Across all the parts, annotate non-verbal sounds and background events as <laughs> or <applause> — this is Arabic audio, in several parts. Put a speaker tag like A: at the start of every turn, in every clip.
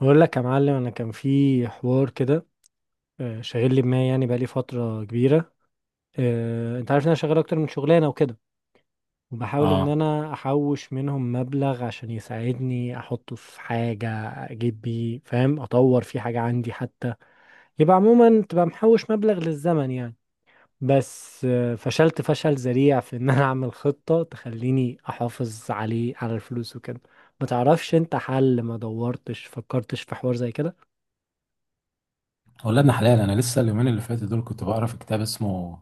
A: بقول لك يا معلم انا كان في حوار كده. شاغل لي دماغي يعني بقالي فتره كبيره. انت عارف ان انا شغال اكتر من شغلانه وكده، وبحاول ان
B: اه.
A: انا احوش منهم مبلغ عشان يساعدني احطه في حاجه اجيب بيه، فاهم؟ اطور في حاجه عندي حتى. يبقى عموما تبقى محوش مبلغ للزمن يعني. بس فشلت فشل ذريع في ان انا اعمل خطه تخليني احافظ عليه على الفلوس وكده. ما تعرفش انت حل؟ ما دورتش فكرتش في حوار زي كده؟
B: ولادنا حلال. انا لسه اليومين اللي فاتوا دول كنت بقرا في كتاب اسمه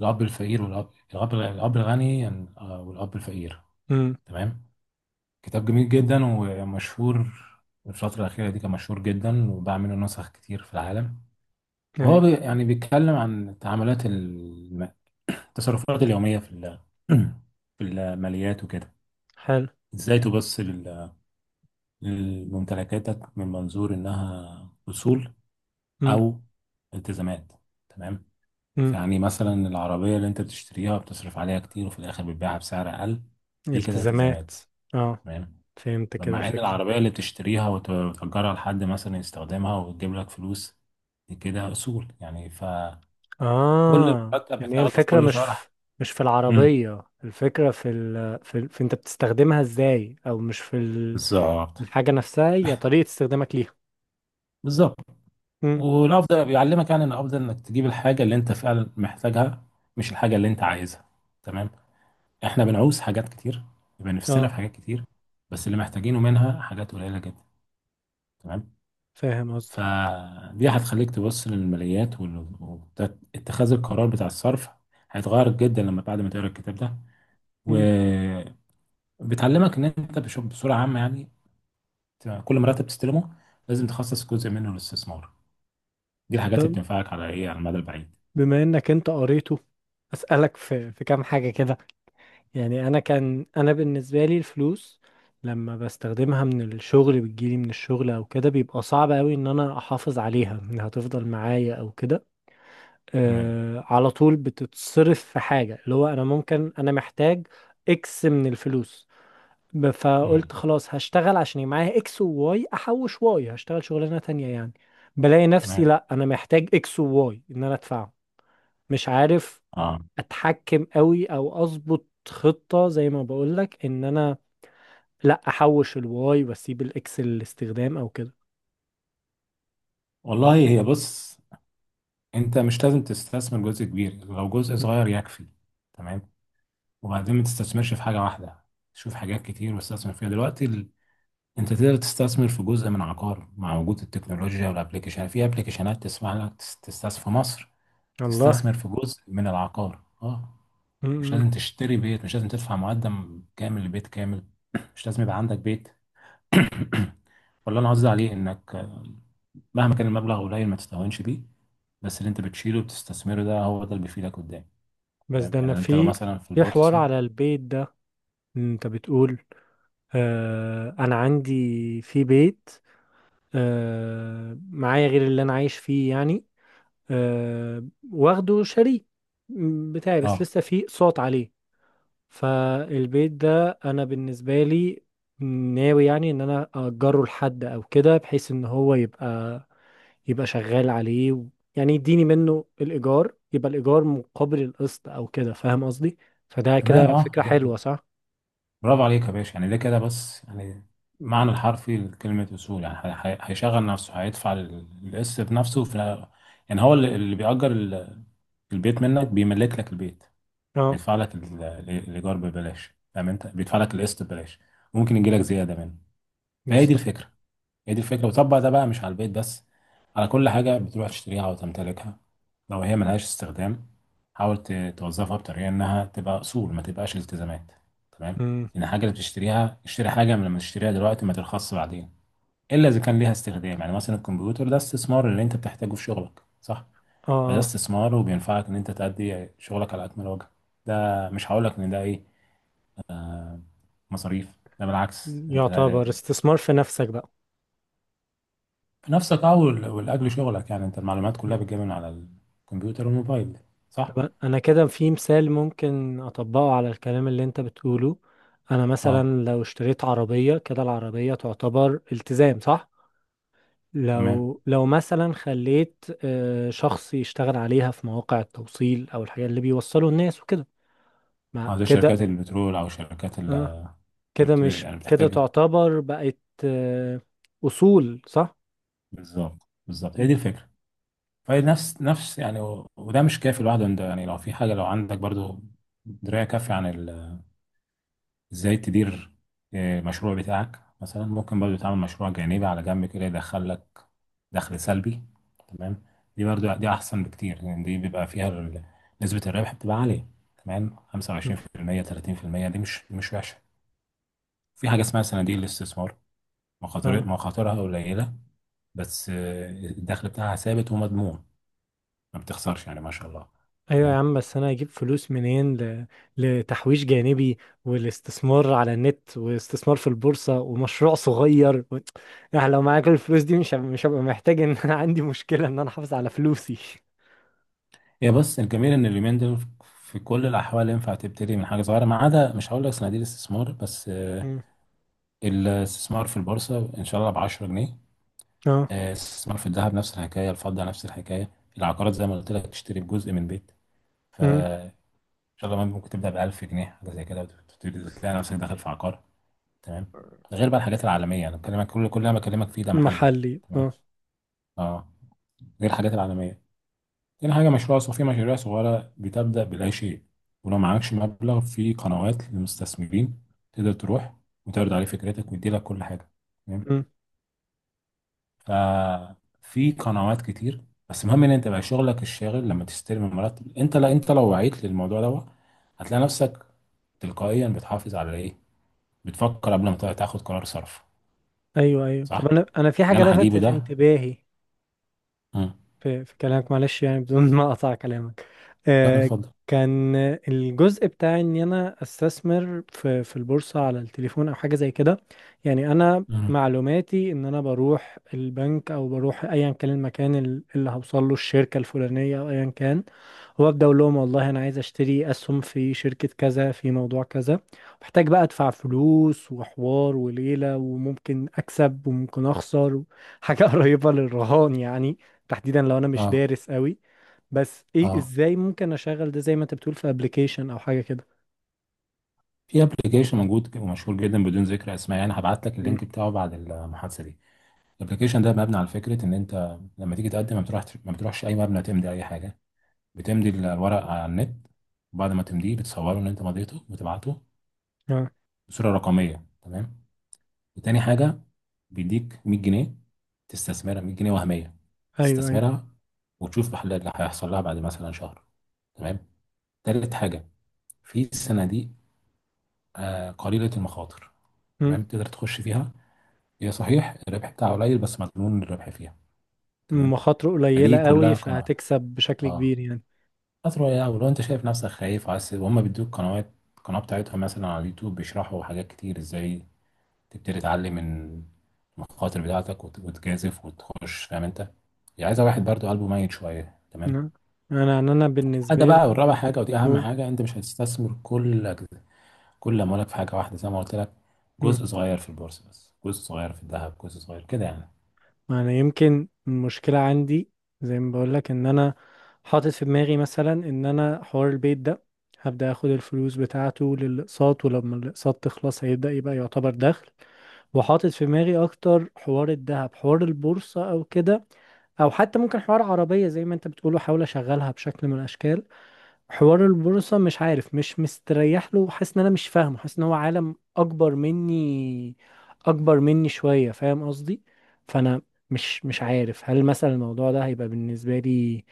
B: الاب الفقير والاب الاب الاب الغني والاب الفقير.
A: امم.
B: تمام. كتاب جميل جدا ومشهور، الفترة الأخيرة دي كان مشهور جدا وباع منه نسخ كتير في العالم. وهو
A: ايوه.
B: يعني بيتكلم عن تعاملات التصرفات اليومية <clears throat> في الماليات وكده.
A: حلو.
B: ازاي تبص لممتلكاتك من منظور انها اصول
A: مم.
B: او التزامات. تمام.
A: مم.
B: يعني مثلا العربية اللي انت بتشتريها بتصرف عليها كتير، وفي الآخر بتبيعها بسعر أقل. دي كده
A: التزامات.
B: التزامات.
A: اه.
B: تمام.
A: فهمت كده
B: مع إن
A: الفكرة.
B: العربية اللي بتشتريها وتأجرها لحد مثلا يستخدمها وتجيب لك فلوس، دي كده أصول. يعني فكل
A: اه
B: مرتب
A: يعني هي
B: بتاخده في
A: الفكرة
B: كل
A: مش
B: شهر.
A: في، مش في
B: امم
A: العربية، الفكرة في انت بتستخدمها ازاي، او مش في ال...
B: بالظبط،
A: الحاجة نفسها، هي طريقة استخدامك ليها.
B: بالظبط.
A: مم.
B: والأفضل بيعلمك يعني إن الأفضل إنك تجيب الحاجة اللي أنت فعلا محتاجها، مش الحاجة اللي أنت عايزها. تمام. إحنا بنعوز حاجات كتير، بيبقى نفسنا في
A: اه.
B: حاجات كتير، بس اللي محتاجينه منها حاجات قليلة جدا. تمام.
A: فاهم قصدك.
B: فدي هتخليك تبص للماليات، واتخاذ القرار بتاع الصرف هيتغير جدا لما بعد ما تقرا الكتاب ده.
A: مم.
B: وبتعلمك ان انت بصوره عامه يعني كل مرتب تستلمه لازم تخصص جزء منه للاستثمار. دي الحاجات اللي
A: طب
B: بتنفعك على ايه، على المدى البعيد.
A: بما انك انت قريته، اسألك في كام حاجة كده. يعني انا كان انا بالنسبه لي الفلوس لما بستخدمها من الشغل، بتجيلي من الشغل او كده، بيبقى صعب قوي ان انا احافظ عليها انها تفضل معايا او كده.
B: تمام.
A: آه، على طول بتتصرف في حاجه، اللي هو انا ممكن انا محتاج اكس من الفلوس. فقلت
B: مم.
A: خلاص هشتغل عشان يبقى معايا اكس وواي، احوش واي، هشتغل شغلانه تانية يعني. بلاقي نفسي
B: تمام.
A: لا انا محتاج اكس وواي ان انا ادفعه. مش عارف
B: اه.
A: اتحكم قوي او اظبط خطة زي ما بقولك ان انا لا احوش الواي واسيب الاكس للاستخدام او كده.
B: والله هي بص، انت مش لازم تستثمر جزء كبير، لو جزء
A: مم.
B: صغير يكفي. تمام. وبعدين ما تستثمرش في حاجه واحده، شوف حاجات كتير واستثمر فيها دلوقتي. انت تقدر تستثمر في جزء من عقار مع وجود التكنولوجيا والابلكيشن، في ابلكيشنات تسمح لك تستثمر في مصر،
A: الله.
B: تستثمر في جزء من العقار. اه. مش
A: مم.
B: لازم تشتري بيت، مش لازم تدفع مقدم كامل لبيت كامل. <clears throat> مش لازم يبقى عندك بيت. <clears throat> ولا انا قصدي عليه انك، مهما كان المبلغ قليل ما تستهونش بيه، بس اللي انت بتشيله وبتستثمره ده، هو ده اللي بيفيدك قدام.
A: بس ده
B: تمام.
A: انا
B: يعني انت لو
A: في،
B: مثلا في
A: في حوار
B: البورصة.
A: على البيت ده. انت بتقول، آه انا عندي في بيت، آه معايا غير اللي انا عايش فيه يعني، آه، واخده شريك بتاعي، بس
B: اه.
A: لسه في اقساط عليه. فالبيت ده انا بالنسبه لي ناوي يعني ان انا اجره لحد او كده، بحيث ان هو يبقى شغال عليه و... يعني يديني منه الايجار، يبقى الايجار مقابل القسط او كده، فاهم قصدي؟ فده
B: تمام.
A: كده
B: اه.
A: فكره حلوه صح؟
B: برافو عليك يا باشا. يعني ده كده بس، يعني معنى الحرفي لكلمة أصول. يعني هيشغل نفسه، هيدفع القسط بنفسه، في يعني هو اللي بيأجر البيت منك، بيملك لك البيت،
A: اه.
B: بيدفع لك الإيجار ببلاش، فاهم أنت، بيدفع لك القسط ببلاش. ممكن يجي لك زيادة منه. فهي دي
A: بالظبط.
B: الفكرة، هي دي الفكرة. وطبق ده بقى مش على البيت بس، على كل حاجة بتروح تشتريها أو تمتلكها. لو هي ملهاش استخدام، حاول توظفها بطريقة إنها تبقى أصول، ما تبقاش التزامات. تمام.
A: أمم.
B: إن الحاجة اللي بتشتريها، اشتري حاجة من لما تشتريها دلوقتي ما ترخصش بعدين، إلا إذا كان ليها استخدام. يعني مثلا الكمبيوتر ده استثمار، اللي أنت بتحتاجه في شغلك، صح؟
A: اه.
B: فده
A: آه.
B: استثمار وبينفعك إن أنت تأدي شغلك على أكمل وجه. ده مش هقولك إن ده إيه، مصاريف. ده بالعكس، أنت
A: يعتبر استثمار في نفسك بقى.
B: نفسك، اه، ولاجل شغلك يعني، انت المعلومات كلها
A: أمم.
B: بتجيبها من على الكمبيوتر والموبايل، صح؟
A: طب انا كده في مثال ممكن اطبقه على الكلام اللي انت بتقوله. انا
B: اه.
A: مثلا لو اشتريت عربيه كده، العربيه تعتبر التزام صح؟
B: تمام.
A: لو مثلا خليت شخص يشتغل عليها في مواقع التوصيل او الحاجات اللي بيوصلوا الناس وكده، ما
B: اه، زي
A: كده؟
B: شركات البترول او شركات ال،
A: اه، كده مش
B: يعني
A: كده
B: بتحتاج.
A: تعتبر بقت آه، اصول صح؟
B: بالظبط، بالظبط، هي
A: م-
B: دي الفكره. فهي نفس يعني، وده مش كافي لوحده. انت يعني، لو في حاجه، لو عندك برضو درايه كافيه عن ازاي تدير مشروع بتاعك، مثلا ممكن برضو تعمل مشروع جانبي على جنب كده يدخل لك دخل سلبي. تمام. دي برضو دي احسن بكتير، لان دي بيبقى فيها نسبة الربح بتبقى عالية. تمام.
A: م-
B: 25% 30% دي مش وحشة. في حاجة اسمها صناديق الاستثمار،
A: اه.
B: مخاطرها قليلة، بس الدخل بتاعها ثابت ومضمون. ما بتخسرش يعني، ما شاء الله.
A: ايوه يا
B: تمام.
A: عم، بس انا هجيب فلوس منين ل... لتحويش جانبي، والاستثمار على النت، واستثمار في البورصة، ومشروع صغير و... يعني لو معاك الفلوس دي مش هبقى محتاج ان انا عندي مشكلة ان انا احافظ على فلوسي.
B: هي بس الجميل ان اليومين دول في كل الاحوال ينفع تبتدي من حاجه صغيره. ما عدا مش هقول لك صناديق الاستثمار بس،
A: م.
B: الاستثمار في البورصة إن شاء الله ب 10 جنيه.
A: اه،
B: الاستثمار في الذهب نفس الحكاية، الفضة نفس الحكاية، العقارات زي ما قلت لك تشتري بجزء من بيت، فإن شاء الله ممكن تبدأ ب 1000 جنيه حاجة زي كده، وتبتدي تلاقي نفسك داخل في عقار. تمام. غير بقى الحاجات العالمية، أنا بكلمك، كل اللي أنا بكلمك فيه ده محلي.
A: محلي
B: تمام.
A: اه.
B: أه. غير الحاجات العالمية. تاني حاجة مشروع صغير، في مشاريع صغيرة بتبدأ بلا شيء، ولو معكش مبلغ، في قنوات للمستثمرين تقدر تروح وتعرض عليه فكرتك ويديلك كل حاجة. تمام؟
A: مم.
B: ففي قنوات كتير، بس المهم ان انت بقى شغلك الشاغل لما تستلم المرتب، انت لا، انت لو وعيت للموضوع ده هتلاقي نفسك تلقائيا بتحافظ على ايه، بتفكر قبل ما تاخد قرار صرف.
A: ايوه ايوه. طب
B: صح.
A: انا انا في
B: اللي
A: حاجه
B: انا هجيبه
A: لفتت
B: ده.
A: انتباهي
B: مم.
A: في كلامك، معلش يعني بدون ما اقطع كلامك،
B: لا، لا،
A: آه،
B: اتفضل.
A: كان الجزء بتاع ان انا استثمر في البورصة على التليفون او حاجة زي كده. يعني انا
B: مم.
A: معلوماتي ان انا بروح البنك، او بروح ايا كان المكان اللي هوصل له الشركة الفلانية او ايا كان، وابدا اقول لهم والله انا عايز اشتري اسهم في شركة كذا في موضوع كذا. محتاج بقى ادفع فلوس وحوار وليلة، وممكن اكسب وممكن اخسر، حاجة <laughs> قريبة للرهان يعني، تحديدا لو انا مش
B: اه،
A: دارس قوي. بس ايه
B: اه.
A: ازاي ممكن اشغل ده زي ما انت بتقول في ابلكيشن او حاجه كده؟
B: في ابلكيشن موجود ومشهور جدا، بدون ذكر اسماء يعني، هبعت لك
A: امم.
B: اللينك بتاعه بعد المحادثه دي. الابلكيشن ده مبني على فكره ان انت لما تيجي تقدم ما بتروحش، ما بتروحش اي مبنى تمضي اي حاجه، بتمضي الورق على النت، وبعد ما تمضيه بتصوره ان انت مضيته وتبعته
A: اه.
B: بصوره رقميه. تمام. وتاني حاجه، بيديك 100 جنيه، تستثمرها 100 جنيه وهميه،
A: ايوه ايوه.
B: تستثمرها وتشوف اللي هيحصل لها بعد مثلا شهر. تمام. تالت حاجه، في صناديق قليله المخاطر.
A: امم.
B: تمام، تقدر تخش فيها، هي صحيح الربح بتاعها قليل، بس مضمون الربح فيها. تمام.
A: مخاطره
B: فدي
A: قليله قوي
B: كلها قناعه.
A: فهتكسب بشكل
B: اه.
A: كبير يعني.
B: فترة يا، ولو انت شايف نفسك خايف وعايز، وهم بيدوك قنوات، القناة بتاعتهم مثلا على اليوتيوب بيشرحوا حاجات كتير ازاي تبتدي تعلم من المخاطر بتاعتك، وتجازف وتخش. فاهم انت، يعني عايزة واحد برضو قلبه ميت شوية. تمام.
A: نعم. انا انا أنا
B: هذا
A: بالنسبه
B: بقى، والرابع
A: لي.
B: حاجة، ودي أهم
A: أوه.
B: حاجة، أنت مش هتستثمر كل أموالك في حاجة واحدة زي ما قلت لك.
A: مم.
B: جزء صغير في البورصة بس، جزء صغير في الذهب، جزء صغير كده يعني.
A: انا يمكن المشكله عندي، زي ما بقول لك ان انا حاطط في دماغي مثلا ان انا حوار البيت ده هبدا اخد الفلوس بتاعته للاقساط، ولما الاقساط تخلص هيبدا يبقى يعتبر دخل. وحاطط في دماغي اكتر حوار الذهب، حوار البورصة او كده، او حتى ممكن حوار عربية زي ما انت بتقول وحاول اشغلها بشكل من الاشكال. حوار البورصة مش عارف، مش مستريح له، حاسس ان انا مش فاهمه، حاسس ان هو عالم اكبر مني، اكبر مني شوية، فاهم قصدي؟ فانا مش عارف هل مثلا الموضوع ده هيبقى بالنسبة لي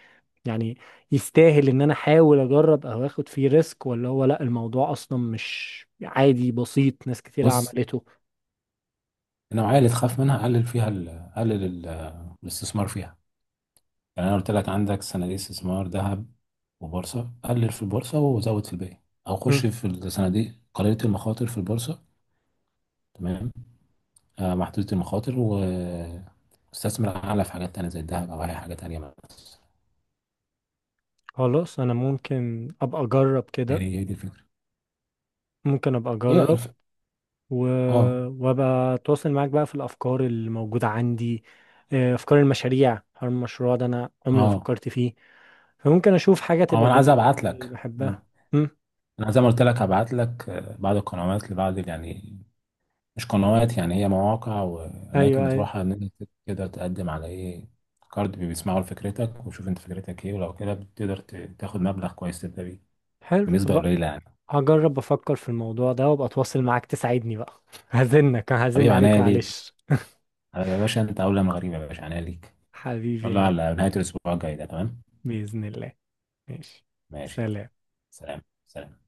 A: يعني يستاهل ان انا احاول اجرب او اخد فيه ريسك، ولا هو لا، الموضوع اصلا مش عادي، بسيط، ناس كتير
B: بص،
A: عملته.
B: النوعية اللي تخاف منها قلل فيها الاستثمار فيها. يعني انا قلت لك، عندك صناديق استثمار، ذهب وبورصه، قلل في البورصه وزود في الباقي. او خش في الصناديق قليله المخاطر في البورصه. تمام. محدوده المخاطر، واستثمر اعلى في حاجات تانية زي الذهب او اي حاجه تانية مثلا.
A: خلاص انا ممكن ابقى اجرب
B: يعني
A: كده،
B: هي دي الفكره.
A: ممكن ابقى
B: هي
A: اجرب
B: الف...
A: و...
B: اه،
A: وابقى اتواصل معاك بقى في الافكار اللي موجوده عندي. افكار المشاريع، هل المشروع ده انا عمري ما
B: اه،
A: فكرت فيه، فممكن اشوف حاجه
B: اه،
A: تبقى
B: انا عايز
A: بالنسبه
B: ابعت
A: لي
B: لك. مم.
A: بحبها. امم.
B: انا زي ما قلت لك هبعت لك، بعض القنوات لبعض يعني، مش قنوات، يعني هي مواقع واماكن
A: ايوه ايوه.
B: بتروحها ان انت تقدر تقدم على ايه، كارد بيسمعوا لفكرتك ويشوف انت فكرتك ايه، ولو كده بتقدر تاخد مبلغ كويس تبدا بيه
A: حلو
B: بنسبه
A: بقى.
B: قليله يعني.
A: هجرب افكر في الموضوع ده وابقى اتواصل معاك تساعدني بقى <laughs> هزنك، هزن
B: حبيب
A: عليك
B: عينيا ليك.
A: معلش.
B: يا باشا انت اولى من غريب، يا باشا عينيا ليك، ان
A: حبيبي
B: شاء
A: يا
B: الله
A: غالي.
B: على نهايه الاسبوع الجاي ده. تمام.
A: باذن الله. ماشي.
B: ماشي، يلا.
A: سلام.
B: سلام. سلام.